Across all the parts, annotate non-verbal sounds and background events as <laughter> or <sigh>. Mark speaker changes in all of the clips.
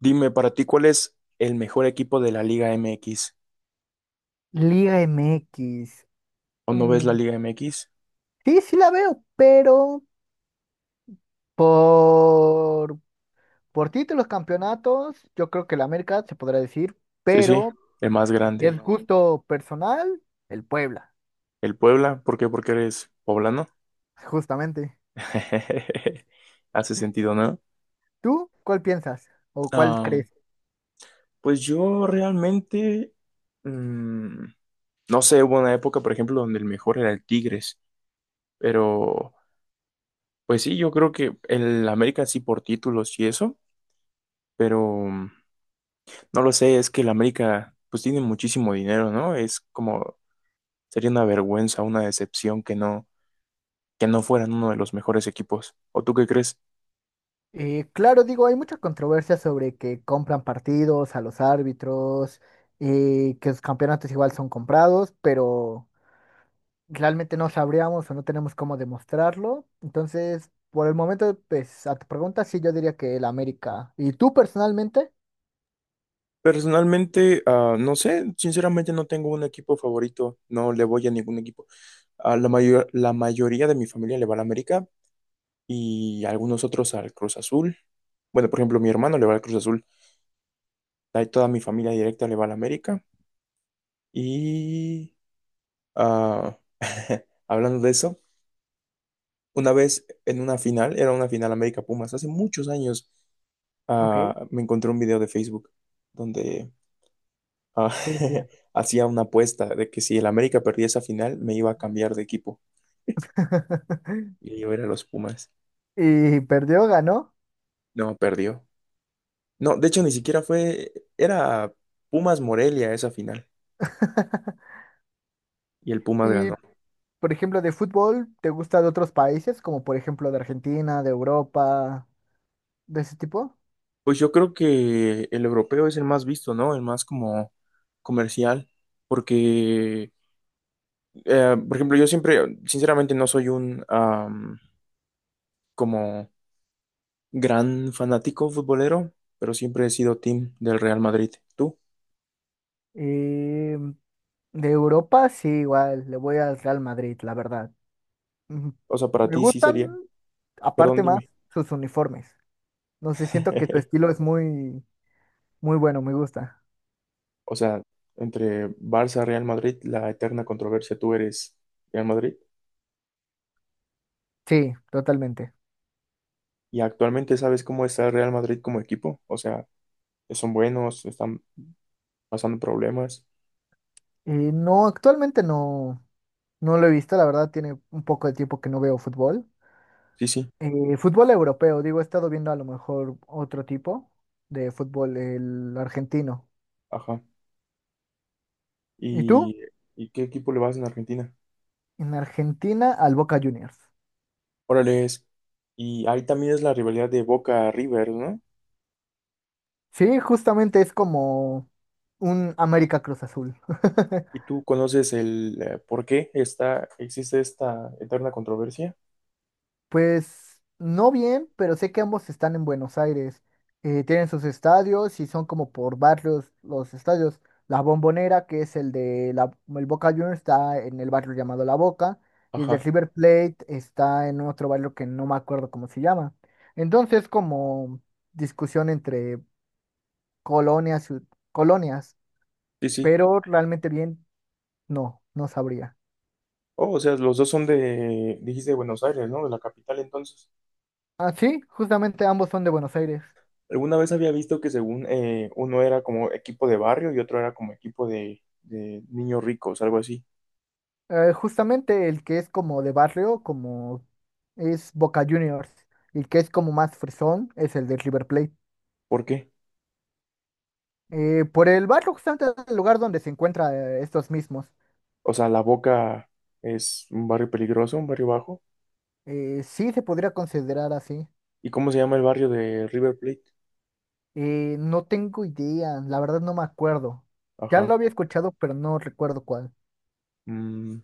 Speaker 1: Dime, para ti, ¿cuál es el mejor equipo de la Liga MX?
Speaker 2: Liga MX.
Speaker 1: ¿O no ves
Speaker 2: mm,
Speaker 1: la Liga MX?
Speaker 2: sí, sí la veo, pero por, por títulos, campeonatos, yo creo que la América se podrá decir,
Speaker 1: Sí, sí,
Speaker 2: pero
Speaker 1: el más
Speaker 2: si es
Speaker 1: grande.
Speaker 2: gusto personal, el Puebla,
Speaker 1: ¿El Puebla? ¿Por qué? Porque eres poblano.
Speaker 2: justamente.
Speaker 1: <laughs> Hace sentido, ¿no?
Speaker 2: ¿Tú cuál piensas o cuál
Speaker 1: Ah,
Speaker 2: crees?
Speaker 1: pues yo realmente, mm, no sé, hubo una época, por ejemplo, donde el mejor era el Tigres, pero pues sí, yo creo que el América sí por títulos y eso, pero no lo sé, es que el América pues tiene muchísimo dinero, ¿no? Es como. Sería una vergüenza, una decepción que no fueran uno de los mejores equipos. ¿O tú qué crees?
Speaker 2: Claro, digo, hay mucha controversia sobre que compran partidos a los árbitros, que los campeonatos igual son comprados, pero realmente no sabríamos o no tenemos cómo demostrarlo. Entonces, por el momento, pues a tu pregunta, sí, yo diría que el América. ¿Y tú personalmente?
Speaker 1: Personalmente, no sé, sinceramente no tengo un equipo favorito, no le voy a ningún equipo. A la mayoría de mi familia le va al América y algunos otros al Cruz Azul. Bueno, por ejemplo, mi hermano le va al Cruz Azul, ahí toda mi familia directa le va al América. Y ah, <laughs> hablando de eso, una vez en una final, era una final América Pumas, hace muchos años,
Speaker 2: Ok,
Speaker 1: me encontré un video de Facebook donde ah,
Speaker 2: ¿qué
Speaker 1: <laughs>
Speaker 2: decía?
Speaker 1: hacía una apuesta de que si el América perdía esa final, me iba a cambiar de equipo.
Speaker 2: <laughs>
Speaker 1: Y yo era los Pumas.
Speaker 2: ¿Y perdió, ganó?
Speaker 1: No, perdió. No, de hecho, ni siquiera fue, era Pumas Morelia esa final.
Speaker 2: <laughs>
Speaker 1: Y el Pumas
Speaker 2: Y,
Speaker 1: ganó.
Speaker 2: por ejemplo, de fútbol, ¿te gusta de otros países, como por ejemplo de Argentina, de Europa, de ese tipo?
Speaker 1: Pues yo creo que el europeo es el más visto, ¿no? El más como comercial. Porque, por ejemplo, yo siempre, sinceramente, no soy como gran fanático futbolero, pero siempre he sido team del Real Madrid. ¿Tú?
Speaker 2: Eh, de Europa, sí, igual, le voy al Real Madrid, la verdad. Ujú.
Speaker 1: O sea, para
Speaker 2: Me
Speaker 1: ti sí
Speaker 2: gustan,
Speaker 1: sería. Perdón,
Speaker 2: aparte más,
Speaker 1: dime.
Speaker 2: sus uniformes. No sé, siento que tu
Speaker 1: <laughs>
Speaker 2: estilo es muy bueno, me gusta.
Speaker 1: O sea, entre Barça, Real Madrid, la eterna controversia, tú eres Real Madrid.
Speaker 2: Sí, totalmente.
Speaker 1: Y actualmente sabes cómo está el Real Madrid como equipo. O sea, son buenos, están pasando problemas.
Speaker 2: No, actualmente no, no lo he visto, la verdad tiene un poco de tiempo que no veo fútbol.
Speaker 1: Sí, sí,
Speaker 2: Fútbol europeo, digo, he estado viendo a lo mejor otro tipo de fútbol, el argentino.
Speaker 1: ajá.
Speaker 2: ¿Y tú?
Speaker 1: ¿Y, y qué equipo le vas en Argentina?
Speaker 2: En Argentina, al Boca Juniors.
Speaker 1: Órale, es. Y ahí también es la rivalidad de Boca River, ¿no?
Speaker 2: Sí, justamente es como un América Cruz Azul. <laughs>
Speaker 1: ¿Y tú conoces el por qué existe esta eterna controversia?
Speaker 2: Pues no bien, pero sé que ambos están en Buenos Aires. Tienen sus estadios y son como por barrios los estadios. La Bombonera, que es el de el Boca Juniors, está en el barrio llamado La Boca. Y el de
Speaker 1: Ajá,
Speaker 2: River Plate está en otro barrio que no me acuerdo cómo se llama. Entonces, como discusión entre colonias, y- colonias,
Speaker 1: sí, sí.
Speaker 2: pero realmente bien, no, no sabría.
Speaker 1: Oh, o sea, los dos son de, dijiste, de Buenos Aires, ¿no? De la capital, entonces.
Speaker 2: Ah, sí, justamente ambos son de Buenos Aires.
Speaker 1: Alguna vez había visto que según uno era como equipo de barrio y otro era como equipo de niños ricos, algo así.
Speaker 2: Justamente el que es como de barrio, como es Boca Juniors, y el que es como más fresón es el de River Plate.
Speaker 1: ¿Por qué?
Speaker 2: Por el barrio, justamente el lugar donde se encuentran estos mismos,
Speaker 1: O sea, La Boca es un barrio peligroso, un barrio bajo.
Speaker 2: sí se podría considerar así.
Speaker 1: ¿Y cómo se llama el barrio de River Plate?
Speaker 2: No tengo idea, la verdad no me acuerdo. Ya
Speaker 1: Ajá.
Speaker 2: lo había escuchado, pero no recuerdo cuál.
Speaker 1: Mm,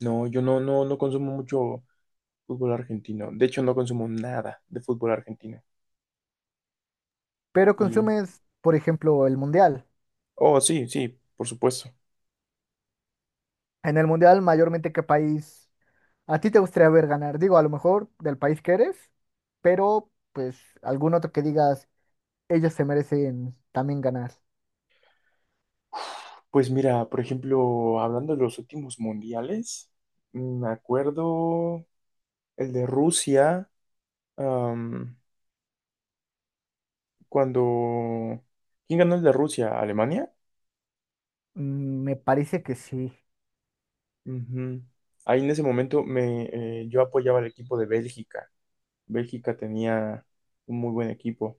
Speaker 1: no, yo no consumo mucho fútbol argentino. De hecho, no consumo nada de fútbol argentino.
Speaker 2: Pero
Speaker 1: Y,
Speaker 2: consumes, por ejemplo, el mundial.
Speaker 1: oh, sí, sí, por supuesto.
Speaker 2: En el mundial, mayormente, ¿qué país? ¿A ti te gustaría ver ganar? Digo, a lo mejor del país que eres, pero pues algún otro que digas, ellos se merecen también ganar.
Speaker 1: Pues mira, por ejemplo, hablando de los últimos mundiales, me acuerdo el de Rusia, am, cuando... ¿Quién ganó el de Rusia? ¿Alemania?
Speaker 2: Mm, me parece que sí.
Speaker 1: Ujú. Ahí en ese momento yo apoyaba al equipo de Bélgica. Bélgica tenía un muy buen equipo.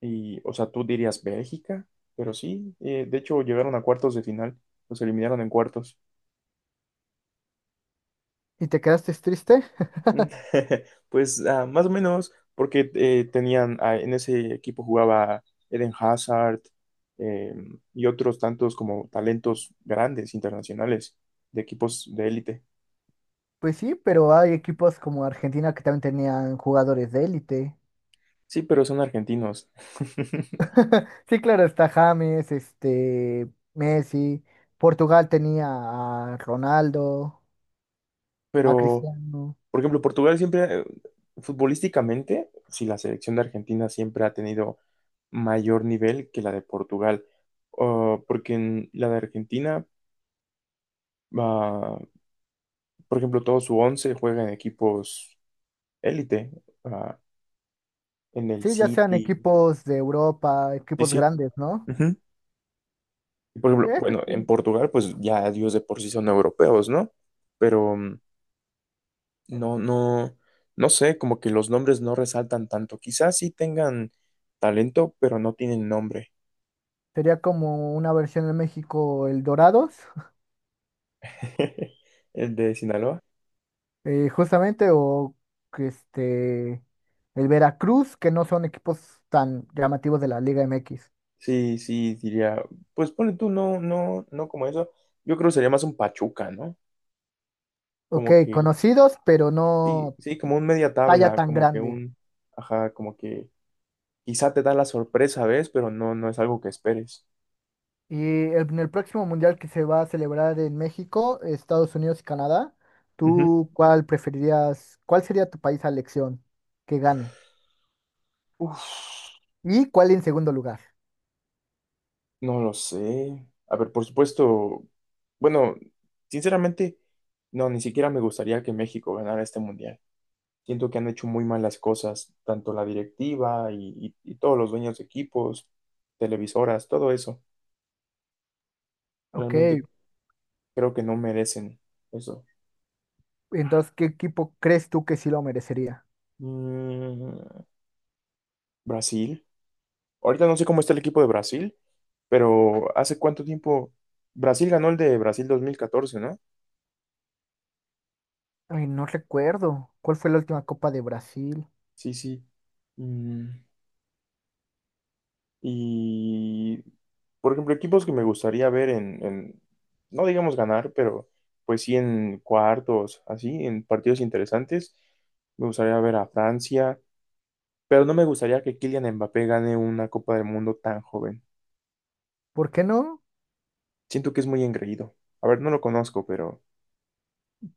Speaker 1: Y, o sea, tú dirías Bélgica, pero sí, de hecho llegaron a cuartos de final, los eliminaron en cuartos.
Speaker 2: ¿Y te quedaste triste? <laughs>
Speaker 1: Mm, <laughs> Pues más o menos, porque tenían, en ese equipo jugaba Eden Hazard eh, y otros tantos como talentos grandes, internacionales, de equipos de élite.
Speaker 2: Pues sí, pero hay equipos como Argentina que también tenían jugadores de élite.
Speaker 1: Sí, pero son argentinos. <laughs>
Speaker 2: Sí, claro, está James, este, Messi. Portugal tenía a Ronaldo, a
Speaker 1: Pero
Speaker 2: Cristiano.
Speaker 1: Por ejemplo, Portugal siempre, futbolísticamente, si la selección de Argentina siempre ha tenido mayor nivel que la de Portugal. Porque en la de Argentina, ah, por ejemplo, todo su once juega en equipos élite, ah, en el
Speaker 2: Sí, ya sean
Speaker 1: City,
Speaker 2: equipos de Europa,
Speaker 1: sí,
Speaker 2: equipos
Speaker 1: sí.
Speaker 2: grandes, ¿no?
Speaker 1: Ujú. Y por ejemplo,
Speaker 2: Eso
Speaker 1: bueno, en
Speaker 2: sí.
Speaker 1: Portugal, pues ya ellos de por sí son europeos, ¿no? Pero no, no, no sé, como que los nombres no resaltan tanto. Quizás sí tengan talento, pero no tienen nombre.
Speaker 2: Sería como una versión de México, el Dorados,
Speaker 1: <laughs> El de Sinaloa.
Speaker 2: <laughs> justamente, o que este, el Veracruz, que no son equipos tan llamativos de la Liga MX.
Speaker 1: Sí, sí, diría. Pues pone tú, no como eso. Yo creo que sería más un Pachuca, ¿no?
Speaker 2: Ok,
Speaker 1: Como que,
Speaker 2: conocidos, pero
Speaker 1: sí,
Speaker 2: no
Speaker 1: sí, como un media
Speaker 2: talla
Speaker 1: tabla,
Speaker 2: tan
Speaker 1: como que
Speaker 2: grande.
Speaker 1: un, ajá, como que quizá te da la sorpresa, ¿ves? Pero no es algo que esperes.
Speaker 2: Y en el próximo mundial que se va a celebrar en México, Estados Unidos y Canadá,
Speaker 1: Ujú.
Speaker 2: ¿tú cuál preferirías, cuál sería tu país a elección que gane?
Speaker 1: Uf,
Speaker 2: ¿Y cuál en segundo lugar?
Speaker 1: no lo sé. A ver, por supuesto, bueno, sinceramente, no, ni siquiera me gustaría que México ganara este mundial. Siento que han hecho muy malas cosas, tanto la directiva y todos los dueños de equipos, televisoras, todo eso.
Speaker 2: Ok,
Speaker 1: Realmente creo que no merecen eso.
Speaker 2: entonces, ¿qué equipo crees tú que sí lo merecería?
Speaker 1: Mm, Brasil. Ahorita no sé cómo está el equipo de Brasil, pero hace cuánto tiempo Brasil ganó el de Brasil 2014, ¿no?
Speaker 2: Ay, no recuerdo cuál fue la última Copa de Brasil.
Speaker 1: Sí, sí. Mm, Y, por ejemplo, equipos que me gustaría ver no digamos ganar, pero pues sí en cuartos, así, en partidos interesantes. Me gustaría ver a Francia, pero no me gustaría que Kylian Mbappé gane una Copa del Mundo tan joven.
Speaker 2: ¿Por qué no?
Speaker 1: Siento que es muy engreído. A ver, no lo conozco, pero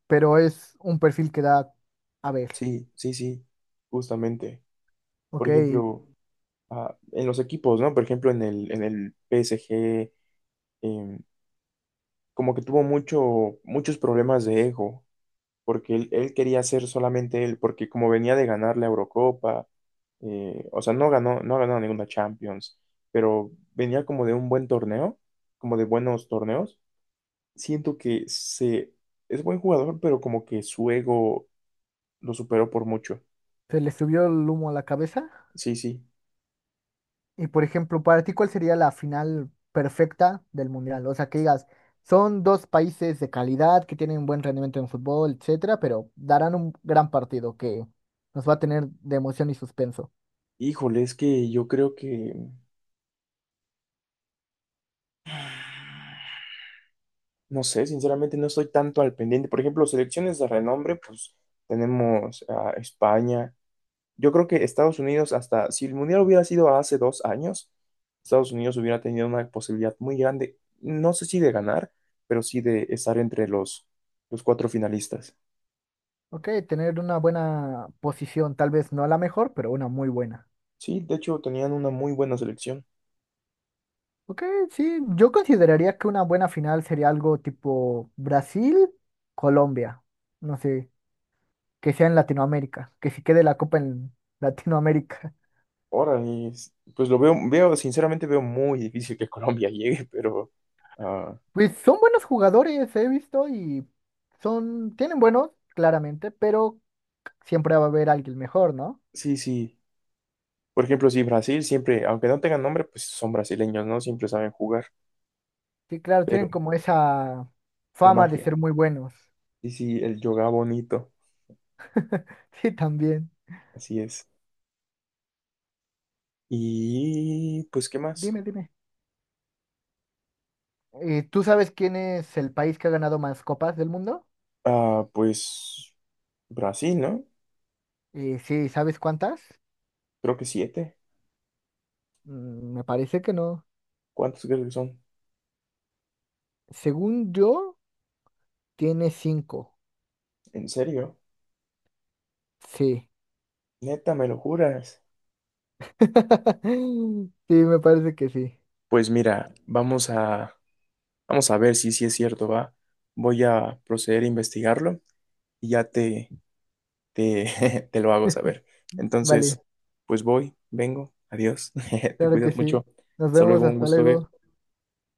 Speaker 2: Pero es un perfil que da a ver.
Speaker 1: sí, sí, sí, justamente. Por
Speaker 2: Ok, se
Speaker 1: ejemplo, en los equipos, ¿no? Por ejemplo, en el PSG, em, como que tuvo muchos problemas de ego, porque él quería ser solamente él, porque como venía de ganar la Eurocopa, o sea, no ganó ninguna Champions, pero venía como de un buen torneo, como de buenos torneos. Siento que es buen jugador, pero como que su ego lo superó por mucho.
Speaker 2: le subió el humo a la cabeza.
Speaker 1: Sí, sí.
Speaker 2: Y por ejemplo, para ti, ¿cuál sería la final perfecta del Mundial? O sea, que digas, son dos países de calidad que tienen buen rendimiento en fútbol, etcétera, pero darán un gran partido que nos va a tener de emoción y suspenso.
Speaker 1: Híjole, es que yo creo que, no sé, sinceramente no estoy tanto al pendiente. Por ejemplo, selecciones de renombre, pues tenemos a España. Yo creo que Estados Unidos, hasta si el Mundial hubiera sido hace 2 años, Estados Unidos hubiera tenido una posibilidad muy grande, no sé si de ganar, pero sí de estar entre los cuatro finalistas.
Speaker 2: Ok, tener una buena posición, tal vez no la mejor, pero una muy buena.
Speaker 1: Sí, de hecho tenían una muy buena selección.
Speaker 2: Ok, sí, yo consideraría que una buena final sería algo tipo Brasil-Colombia, no sé, que sea en Latinoamérica, que si quede la copa en Latinoamérica. <laughs>
Speaker 1: Ahora, pues lo veo, sinceramente veo muy difícil que <laughs> Colombia llegue, pero ah,
Speaker 2: Pues son buenos jugadores, he visto, y son, tienen buenos, claramente, pero siempre va a haber alguien mejor, ¿no?
Speaker 1: sí, sí. Por ejemplo, sí, Brasil siempre, aunque no tengan nombre, pues son brasileños, ¿no? Siempre saben jugar,
Speaker 2: Sí, claro,
Speaker 1: pero
Speaker 2: tienen como esa
Speaker 1: la
Speaker 2: fama de
Speaker 1: magia.
Speaker 2: ser muy buenos. <laughs>
Speaker 1: Sí, sí, el yoga bonito,
Speaker 2: Sí, también.
Speaker 1: así es. Y pues, ¿qué más?
Speaker 2: Dime, dime. ¿Tú sabes quién es el país que ha ganado más copas del mundo?
Speaker 1: Ah, pues Brasil, ¿no?
Speaker 2: Sí, ¿sabes cuántas?
Speaker 1: Creo que siete.
Speaker 2: Mm, me parece que no.
Speaker 1: ¿Cuántos crees que son?
Speaker 2: Según yo, tiene 5.
Speaker 1: ¿En serio?
Speaker 2: Sí.
Speaker 1: Neta, ¿me lo juras?
Speaker 2: <laughs> Sí, me parece que sí.
Speaker 1: Pues mira, vamos a ver si sí es cierto, ¿va? Voy a proceder a investigarlo y ya <laughs> te lo hago saber. Entonces,
Speaker 2: Vale,
Speaker 1: pues voy, vengo, adiós, <laughs> te
Speaker 2: claro que
Speaker 1: cuidas
Speaker 2: sí.
Speaker 1: mucho.
Speaker 2: Nos
Speaker 1: Hasta luego,
Speaker 2: vemos,
Speaker 1: un
Speaker 2: hasta
Speaker 1: gusto, ¿eh?
Speaker 2: luego.